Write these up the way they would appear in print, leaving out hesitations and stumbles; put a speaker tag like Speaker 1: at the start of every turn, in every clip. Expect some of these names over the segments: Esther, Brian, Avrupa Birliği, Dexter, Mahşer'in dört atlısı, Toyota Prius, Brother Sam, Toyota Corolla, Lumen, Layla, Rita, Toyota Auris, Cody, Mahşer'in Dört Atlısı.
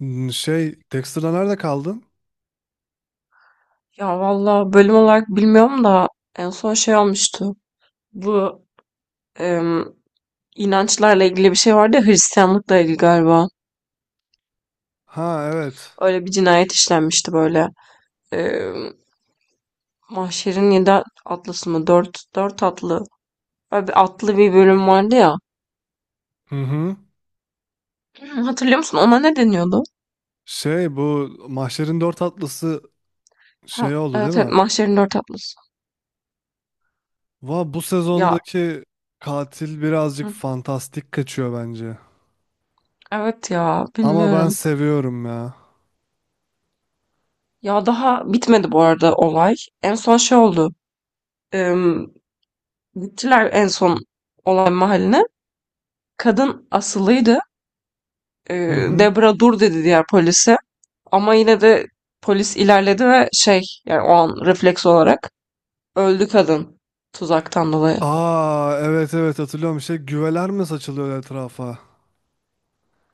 Speaker 1: Dexter'da nerede kaldın?
Speaker 2: Ya valla bölüm olarak bilmiyorum da en son şey olmuştu. Bu em, inançlarla ilgili bir şey vardı ya, Hristiyanlıkla ilgili galiba.
Speaker 1: Ha, evet.
Speaker 2: Öyle bir cinayet işlenmişti böyle. Em, Mahşer'in yedi atlısı mı? Dört atlı. Böyle bir atlı bir bölüm vardı ya.
Speaker 1: Hı hı.
Speaker 2: Hı, Hatırlıyor musun? Ona ne deniyordu?
Speaker 1: Şey, bu Mahşer'in Dört Atlısı
Speaker 2: Ha,
Speaker 1: şey oldu, değil
Speaker 2: evet, evet,
Speaker 1: mi?
Speaker 2: Mahşer'in dört atlısı.
Speaker 1: Bu
Speaker 2: Ya,
Speaker 1: sezondaki katil birazcık
Speaker 2: hı,
Speaker 1: fantastik kaçıyor bence.
Speaker 2: evet, ya
Speaker 1: Ama ben
Speaker 2: bilmiyorum.
Speaker 1: seviyorum ya.
Speaker 2: Ya daha bitmedi bu arada olay. En son şey oldu. Em, Gittiler en son olay mahalline. Kadın asılıydı.
Speaker 1: Hı hı.
Speaker 2: Debra dur dedi diğer polise. Ama yine de polis ilerledi ve şey, yani o an refleks olarak öldü kadın, tuzaktan dolayı.
Speaker 1: Aa, evet evet, hatırlıyorum. Şey, güveler mi saçılıyor etrafa?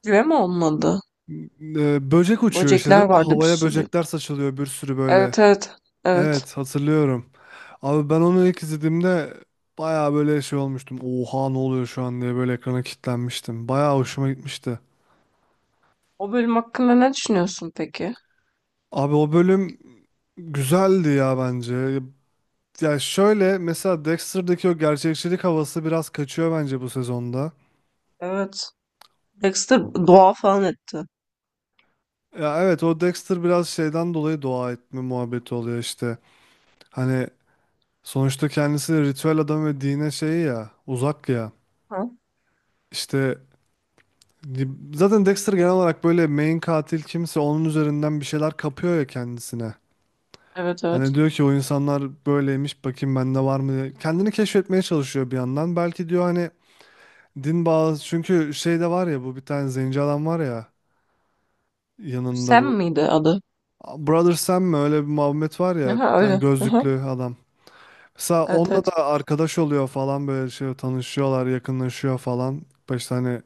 Speaker 2: Güve mi olmadı?
Speaker 1: Böcek uçuyor işte,
Speaker 2: Böcekler
Speaker 1: değil mi?
Speaker 2: vardı bir
Speaker 1: Havaya
Speaker 2: sürü.
Speaker 1: böcekler saçılıyor bir sürü böyle.
Speaker 2: Evet, evet, evet.
Speaker 1: Evet, hatırlıyorum. Abi, ben onu ilk izlediğimde bayağı böyle şey olmuştum. Oha, ne oluyor şu an diye böyle ekrana kilitlenmiştim. Bayağı hoşuma gitmişti.
Speaker 2: O bölüm hakkında ne düşünüyorsun peki?
Speaker 1: Abi, o bölüm güzeldi ya bence. Ya şöyle, mesela Dexter'daki o gerçekçilik havası biraz kaçıyor bence bu sezonda.
Speaker 2: Evet. Dexter dua falan etti.
Speaker 1: Ya evet, o Dexter biraz şeyden dolayı dua etme muhabbeti oluyor işte. Hani sonuçta kendisi de ritüel adam ve dine şey ya, uzak ya.
Speaker 2: Ha?
Speaker 1: İşte zaten Dexter genel olarak böyle main katil kimse onun üzerinden bir şeyler kapıyor ya kendisine.
Speaker 2: Evet,
Speaker 1: Hani
Speaker 2: evet.
Speaker 1: diyor ki o insanlar böyleymiş, bakayım bende var mı diye. Kendini keşfetmeye çalışıyor bir yandan. Belki diyor hani din bağlı, çünkü şey de var ya, bu bir tane zenci adam var ya yanında
Speaker 2: Sam
Speaker 1: bu.
Speaker 2: miydi adı?
Speaker 1: Brother Sam mi, öyle bir muhabbet var ya, bir
Speaker 2: Aha,
Speaker 1: tane
Speaker 2: öyle. Aha.
Speaker 1: gözlüklü adam. Mesela
Speaker 2: Evet,
Speaker 1: onunla
Speaker 2: evet.
Speaker 1: da arkadaş oluyor falan, böyle şey, tanışıyorlar, yakınlaşıyor falan. Başta hani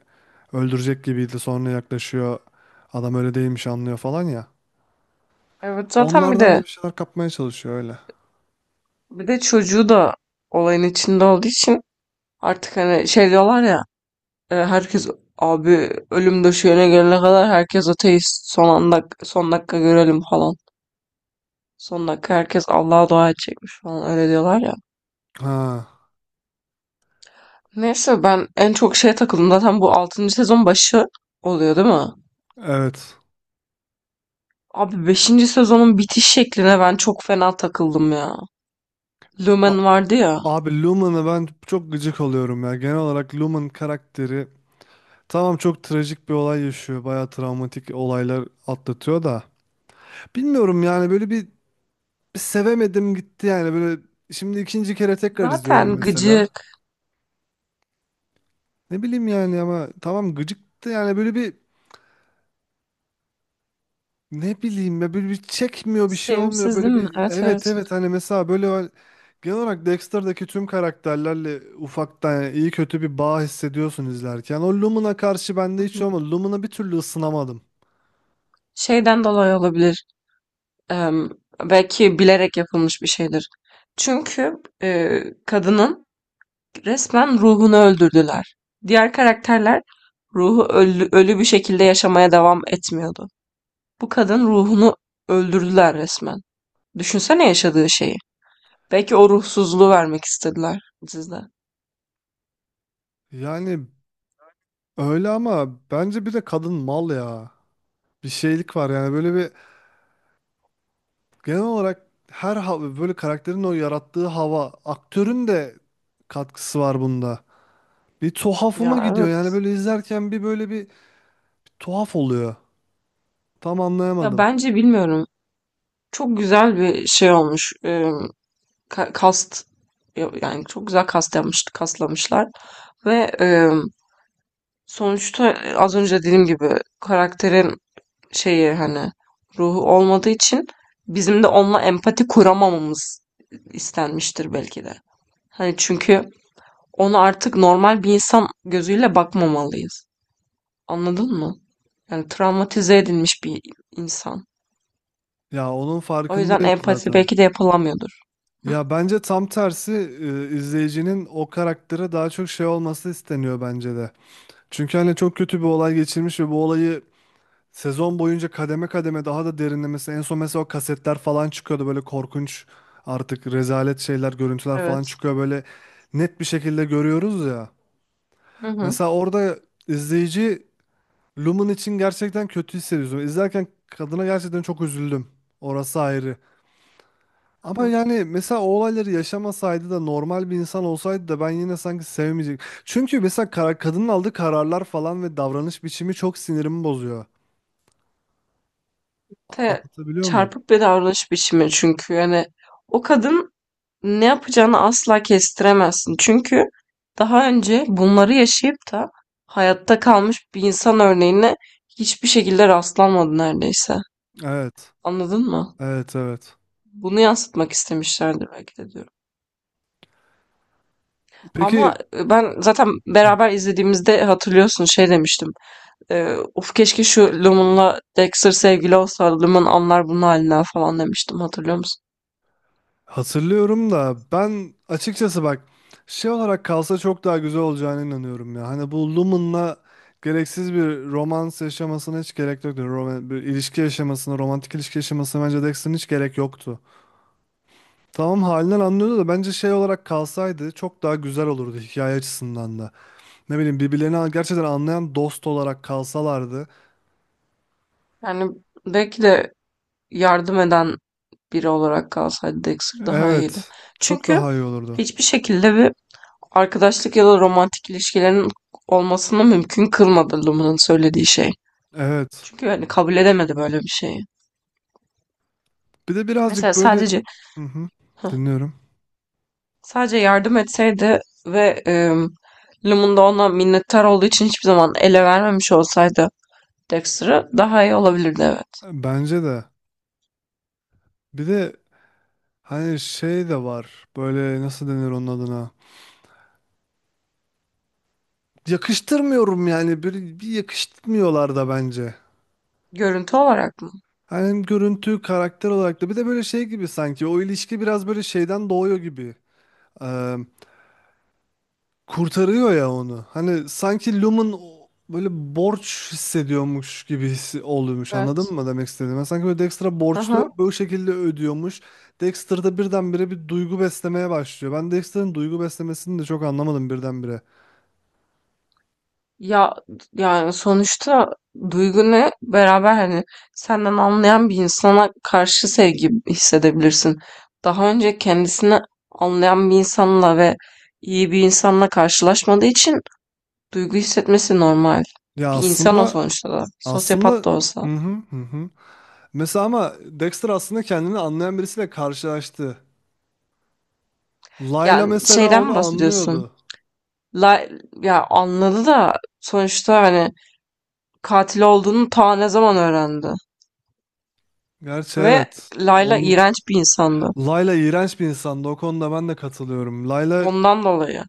Speaker 1: öldürecek gibiydi, sonra yaklaşıyor. Adam öyle değilmiş, anlıyor falan ya.
Speaker 2: Evet, zaten bir
Speaker 1: Onlardan
Speaker 2: de
Speaker 1: da bir şeyler kapmaya çalışıyor öyle.
Speaker 2: bir de çocuğu da olayın içinde olduğu için, artık hani şey diyorlar ya, herkes, abi, ölüm döşeğine gelene kadar herkes ateist, son anda son dakika görelim falan. Son dakika herkes Allah'a dua edecekmiş falan, öyle diyorlar ya.
Speaker 1: Ha,
Speaker 2: Neyse, ben en çok şeye takıldım zaten, bu altıncı sezon başı oluyor değil mi?
Speaker 1: evet.
Speaker 2: Abi beşinci sezonun bitiş şekline ben çok fena takıldım ya.
Speaker 1: A-
Speaker 2: Lumen vardı ya.
Speaker 1: Abi, Lumen'a ben çok gıcık oluyorum ya. Genel olarak Lumen karakteri, tamam çok trajik bir olay yaşıyor. Bayağı travmatik olaylar atlatıyor da. Bilmiyorum yani, böyle bir, bir sevemedim gitti yani, böyle şimdi ikinci kere tekrar izliyorum
Speaker 2: Zaten
Speaker 1: mesela. Ne bileyim yani, ama tamam, gıcıktı yani böyle bir. Ne bileyim ya, böyle bir çekmiyor, bir şey olmuyor
Speaker 2: sevimsiz
Speaker 1: böyle,
Speaker 2: değil mi?
Speaker 1: bir
Speaker 2: Evet, evet.
Speaker 1: evet evet, hani mesela böyle genel olarak Dexter'daki tüm karakterlerle ufaktan yani iyi kötü bir bağ hissediyorsun izlerken. O Lumina karşı
Speaker 2: Hı
Speaker 1: bende hiç
Speaker 2: hı.
Speaker 1: olmadı. Lumina bir türlü ısınamadım.
Speaker 2: Şeyden dolayı olabilir. Em, Belki bilerek yapılmış bir şeydir. Çünkü e, kadının resmen ruhunu öldürdüler. Diğer karakterler ruhu ölü, ölü bir şekilde yaşamaya devam etmiyordu. Bu kadın ruhunu öldürdüler resmen. Düşünsene yaşadığı şeyi. Belki o ruhsuzluğu vermek istediler dizide.
Speaker 1: Yani öyle, ama bence bir de kadın mal ya. Bir şeylik var yani, böyle bir genel olarak her hava, böyle karakterin o yarattığı hava, aktörün de katkısı var bunda. Bir tuhafıma
Speaker 2: Ya
Speaker 1: gidiyor
Speaker 2: evet.
Speaker 1: yani, böyle izlerken bir böyle bir tuhaf oluyor. Tam
Speaker 2: Ya
Speaker 1: anlayamadım.
Speaker 2: bence bilmiyorum. Çok güzel bir şey olmuş. Kast, yani çok güzel kast yapmış, kaslamışlar ve sonuçta, az önce dediğim gibi karakterin şeyi, hani ruhu olmadığı için bizim de onunla empati kuramamamız istenmiştir belki de. Hani çünkü ona artık normal bir insan gözüyle bakmamalıyız. Anladın mı? Yani travmatize edilmiş bir insan.
Speaker 1: Ya onun
Speaker 2: O yüzden
Speaker 1: farkındayım
Speaker 2: empati
Speaker 1: zaten.
Speaker 2: belki de yapılamıyordur. Hı.
Speaker 1: Ya bence tam tersi, izleyicinin o karaktere daha çok şey olması isteniyor bence de. Çünkü hani çok kötü bir olay geçirmiş ve bu olayı sezon boyunca kademe kademe daha da derinlemesi. En son mesela o kasetler falan çıkıyordu, böyle korkunç, artık rezalet şeyler, görüntüler falan
Speaker 2: Evet.
Speaker 1: çıkıyor, böyle net bir şekilde görüyoruz ya.
Speaker 2: Hı hı.
Speaker 1: Mesela orada izleyici Lumen için gerçekten kötü hissediyorsun. İzlerken kadına gerçekten çok üzüldüm. Orası ayrı.
Speaker 2: Hı
Speaker 1: Ama
Speaker 2: hı.
Speaker 1: yani, mesela o olayları yaşamasaydı da, normal bir insan olsaydı da ben yine sanki sevmeyecek. Çünkü mesela karar, kadının aldığı kararlar falan ve davranış biçimi çok sinirimi bozuyor.
Speaker 2: Te
Speaker 1: Anlatabiliyor muyum?
Speaker 2: Çarpık bir davranış biçimi, çünkü yani o kadın, ne yapacağını asla kestiremezsin. Çünkü daha önce bunları yaşayıp da hayatta kalmış bir insan örneğine hiçbir şekilde rastlanmadı neredeyse.
Speaker 1: Evet.
Speaker 2: Anladın mı?
Speaker 1: Evet evet.
Speaker 2: Bunu yansıtmak istemişlerdir belki de diyorum.
Speaker 1: Peki.
Speaker 2: Ama ben zaten
Speaker 1: Hı.
Speaker 2: beraber izlediğimizde hatırlıyorsun, şey demiştim. Uf, keşke şu Lumen'la Dexter sevgili olsa, Lumen anlar bunun halinden falan demiştim, hatırlıyor musun?
Speaker 1: Hatırlıyorum da ben açıkçası bak, şey olarak kalsa çok daha güzel olacağına inanıyorum ya. Hani bu Lumen'la gereksiz bir romans yaşamasına hiç gerek yoktu. Roman, bir ilişki yaşamasına, romantik ilişki yaşamasına bence Dexter'ın hiç gerek yoktu. Tamam, halinden anlıyordu da, bence şey olarak kalsaydı çok daha güzel olurdu hikaye açısından da. Ne bileyim, birbirlerini gerçekten anlayan dost olarak kalsalardı.
Speaker 2: Yani belki de yardım eden biri olarak kalsaydı Dexter, daha iyiydi.
Speaker 1: Evet, çok
Speaker 2: Çünkü
Speaker 1: daha iyi olurdu.
Speaker 2: hiçbir şekilde bir arkadaşlık ya da romantik ilişkilerin olmasını mümkün kılmadı Luma'nın söylediği şey.
Speaker 1: Evet.
Speaker 2: Çünkü yani kabul edemedi böyle bir şeyi.
Speaker 1: Bir de
Speaker 2: Mesela
Speaker 1: birazcık böyle, hı hı, dinliyorum.
Speaker 2: sadece yardım etseydi ve Lumen de ona minnettar olduğu için hiçbir zaman ele vermemiş olsaydı Dexter'ı, daha iyi olabilirdi, evet.
Speaker 1: Bence de. Bir de hani şey de var. Böyle nasıl denir onun adına? Yakıştırmıyorum yani, bir, bir yakıştırmıyorlar da bence.
Speaker 2: Görüntü olarak mı?
Speaker 1: Hani hem görüntü, karakter olarak da, bir de böyle şey gibi, sanki o ilişki biraz böyle şeyden doğuyor gibi. Kurtarıyor ya onu. Hani sanki Lum'un böyle borç hissediyormuş gibi hissi oluyormuş. Anladın
Speaker 2: Evet.
Speaker 1: mı demek istediğimi? Sanki böyle Dexter'a borçlu,
Speaker 2: Aha.
Speaker 1: bu şekilde ödüyormuş. Dexter da birdenbire bir duygu beslemeye başlıyor. Ben Dexter'ın duygu beslemesini de çok anlamadım birdenbire.
Speaker 2: Ya yani sonuçta duygunu, beraber, hani senden anlayan bir insana karşı sevgi hissedebilirsin. Daha önce kendisini anlayan bir insanla ve iyi bir insanla karşılaşmadığı için duygu hissetmesi normal.
Speaker 1: Ya
Speaker 2: Bir insan o
Speaker 1: aslında
Speaker 2: sonuçta da.
Speaker 1: aslında
Speaker 2: Sosyopat da olsa.
Speaker 1: hı hı hı, hı. Mesela ama Dexter aslında kendini anlayan birisiyle karşılaştı. Layla
Speaker 2: Yani
Speaker 1: mesela
Speaker 2: şeyden
Speaker 1: onu
Speaker 2: mi bahsediyorsun?
Speaker 1: anlıyordu.
Speaker 2: La, Ya, anladı da sonuçta hani katil olduğunu ta ne zaman öğrendi.
Speaker 1: Gerçi
Speaker 2: Ve
Speaker 1: evet.
Speaker 2: Layla
Speaker 1: Onu,
Speaker 2: iğrenç bir insandı.
Speaker 1: Layla iğrenç bir insandı. O konuda ben de katılıyorum. Layla.
Speaker 2: Ondan dolayı.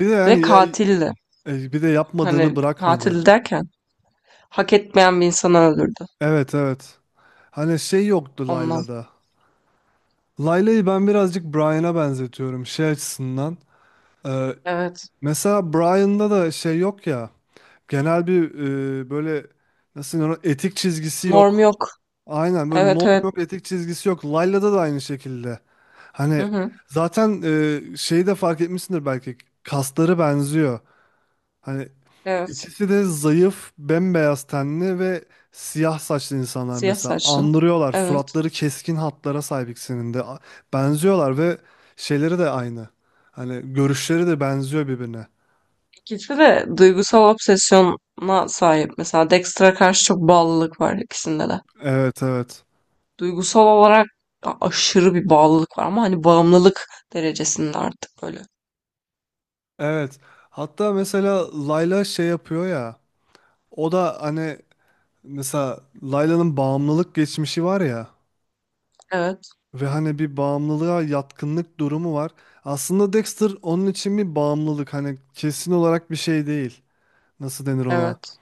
Speaker 1: Bir de
Speaker 2: Ve
Speaker 1: yani ya,
Speaker 2: katildi.
Speaker 1: bir de yapmadığını
Speaker 2: Hani
Speaker 1: bırakmadı.
Speaker 2: katil derken hak etmeyen bir insanı öldürdü.
Speaker 1: Evet evet. Hani şey yoktu
Speaker 2: Ondan.
Speaker 1: Layla'da. Layla'yı ben birazcık Brian'a benzetiyorum şey açısından. Ee,
Speaker 2: Evet.
Speaker 1: Mesela Brian'da da şey yok ya. Genel bir, böyle nasıl denir, ona, etik çizgisi
Speaker 2: Norm
Speaker 1: yok.
Speaker 2: yok.
Speaker 1: Aynen, böyle
Speaker 2: Evet,
Speaker 1: norm
Speaker 2: evet.
Speaker 1: yok, etik çizgisi yok. Layla'da da aynı şekilde.
Speaker 2: Hı
Speaker 1: Hani
Speaker 2: hı.
Speaker 1: zaten, şeyi de fark etmişsindir belki. Kasları benziyor. Hani,
Speaker 2: Evet.
Speaker 1: İkisi de zayıf, bembeyaz tenli ve siyah saçlı insanlar
Speaker 2: Siyah
Speaker 1: mesela.
Speaker 2: saçlı.
Speaker 1: Andırıyorlar.
Speaker 2: Evet.
Speaker 1: Suratları keskin hatlara sahip ikisinin de. Benziyorlar ve şeyleri de aynı. Hani görüşleri de benziyor birbirine.
Speaker 2: İkisi de duygusal obsesyona sahip. Mesela Dexter'a karşı çok bağlılık var ikisinde de.
Speaker 1: Evet, evet.
Speaker 2: Duygusal olarak aşırı bir bağlılık var, ama hani bağımlılık derecesinde artık böyle.
Speaker 1: Evet. Hatta mesela Layla şey yapıyor ya. O da hani, mesela Layla'nın bağımlılık geçmişi var ya.
Speaker 2: Evet,
Speaker 1: Ve hani bir bağımlılığa yatkınlık durumu var. Aslında Dexter onun için bir bağımlılık. Hani kesin olarak bir şey değil. Nasıl denir ona?
Speaker 2: evet.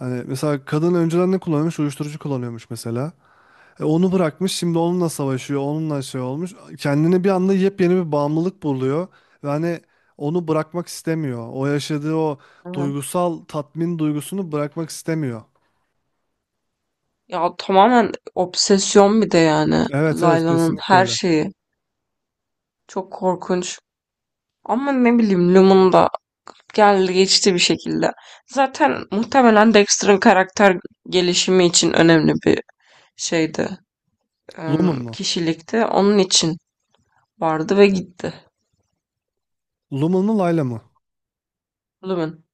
Speaker 1: Hani mesela kadın önceden ne kullanıyormuş? Uyuşturucu kullanıyormuş mesela. E onu bırakmış, şimdi onunla savaşıyor, onunla şey olmuş. Kendini bir anda yepyeni bir bağımlılık buluyor. Ve hani onu bırakmak istemiyor. O yaşadığı o
Speaker 2: Hı.
Speaker 1: duygusal tatmin duygusunu bırakmak istemiyor.
Speaker 2: Ya tamamen obsesyon bir de yani,
Speaker 1: Evet evet,
Speaker 2: Layla'nın
Speaker 1: kesinlikle
Speaker 2: her
Speaker 1: öyle.
Speaker 2: şeyi. Çok korkunç. Ama ne bileyim, Lumum'da geldi geçti bir şekilde. Zaten muhtemelen Dexter'ın karakter gelişimi için önemli bir şeydi.
Speaker 1: Lumen mu?
Speaker 2: Kişilikti. Onun için vardı ve gitti.
Speaker 1: Lumen mu Layla mı?
Speaker 2: Lumen.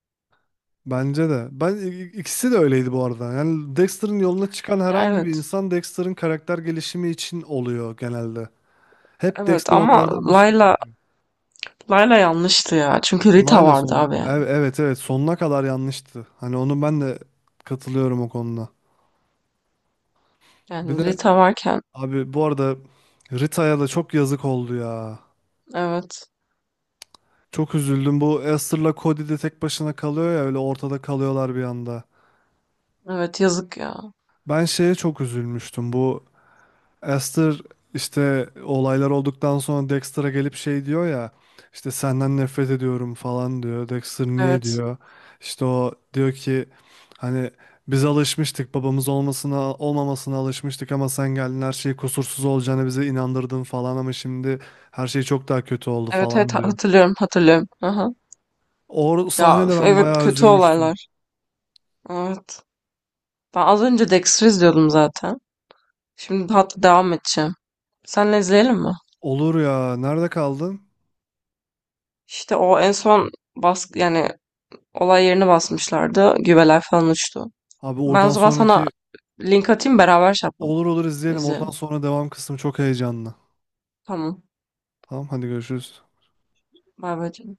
Speaker 1: Bence de. Ben ikisi de öyleydi bu arada. Yani Dexter'ın yoluna çıkan
Speaker 2: Ya
Speaker 1: herhangi bir
Speaker 2: evet.
Speaker 1: insan Dexter'ın karakter gelişimi için oluyor genelde. Hep
Speaker 2: Evet
Speaker 1: Dexter
Speaker 2: ama
Speaker 1: onlardan bir şey.
Speaker 2: Layla Layla yanlıştı ya. Çünkü Rita
Speaker 1: Layla
Speaker 2: vardı abi, yani.
Speaker 1: evet evet, sonuna kadar yanlıştı. Hani onu ben de katılıyorum o konuda. Bir
Speaker 2: Yani
Speaker 1: de
Speaker 2: Rita varken,
Speaker 1: abi, bu arada Rita'ya da çok yazık oldu ya.
Speaker 2: evet.
Speaker 1: Çok üzüldüm. Bu Esther'la Cody de tek başına kalıyor ya, öyle ortada kalıyorlar bir anda.
Speaker 2: Evet, yazık ya.
Speaker 1: Ben şeye çok üzülmüştüm. Bu Esther işte, olaylar olduktan sonra Dexter'a gelip şey diyor ya, işte senden nefret ediyorum falan diyor. Dexter niye
Speaker 2: Evet.
Speaker 1: diyor. İşte o diyor ki hani, biz alışmıştık babamız olmasına olmamasına alışmıştık, ama sen geldin her şey kusursuz olacağını bize inandırdın falan, ama şimdi her şey çok daha kötü oldu
Speaker 2: Evet, evet,
Speaker 1: falan diyor.
Speaker 2: hatırlıyorum, hatırlıyorum. Aha.
Speaker 1: O
Speaker 2: Ya
Speaker 1: sahnede
Speaker 2: üf,
Speaker 1: ben
Speaker 2: evet,
Speaker 1: bayağı
Speaker 2: kötü
Speaker 1: üzülmüştüm.
Speaker 2: olaylar. Evet. Ben az önce Dexter izliyordum zaten. Şimdi tatlı devam edeceğim. Senle izleyelim mi?
Speaker 1: Olur ya, nerede kaldın?
Speaker 2: İşte o en son, yani olay yerini basmışlardı. Güveler falan uçtu.
Speaker 1: Abi
Speaker 2: Ben o
Speaker 1: oradan
Speaker 2: zaman sana
Speaker 1: sonraki,
Speaker 2: link atayım, beraber şey yapalım.
Speaker 1: olur olur, izleyelim, oradan
Speaker 2: İzleyelim.
Speaker 1: sonra devam kısmı çok heyecanlı.
Speaker 2: Tamam.
Speaker 1: Tamam, hadi görüşürüz.
Speaker 2: Bay bay canım.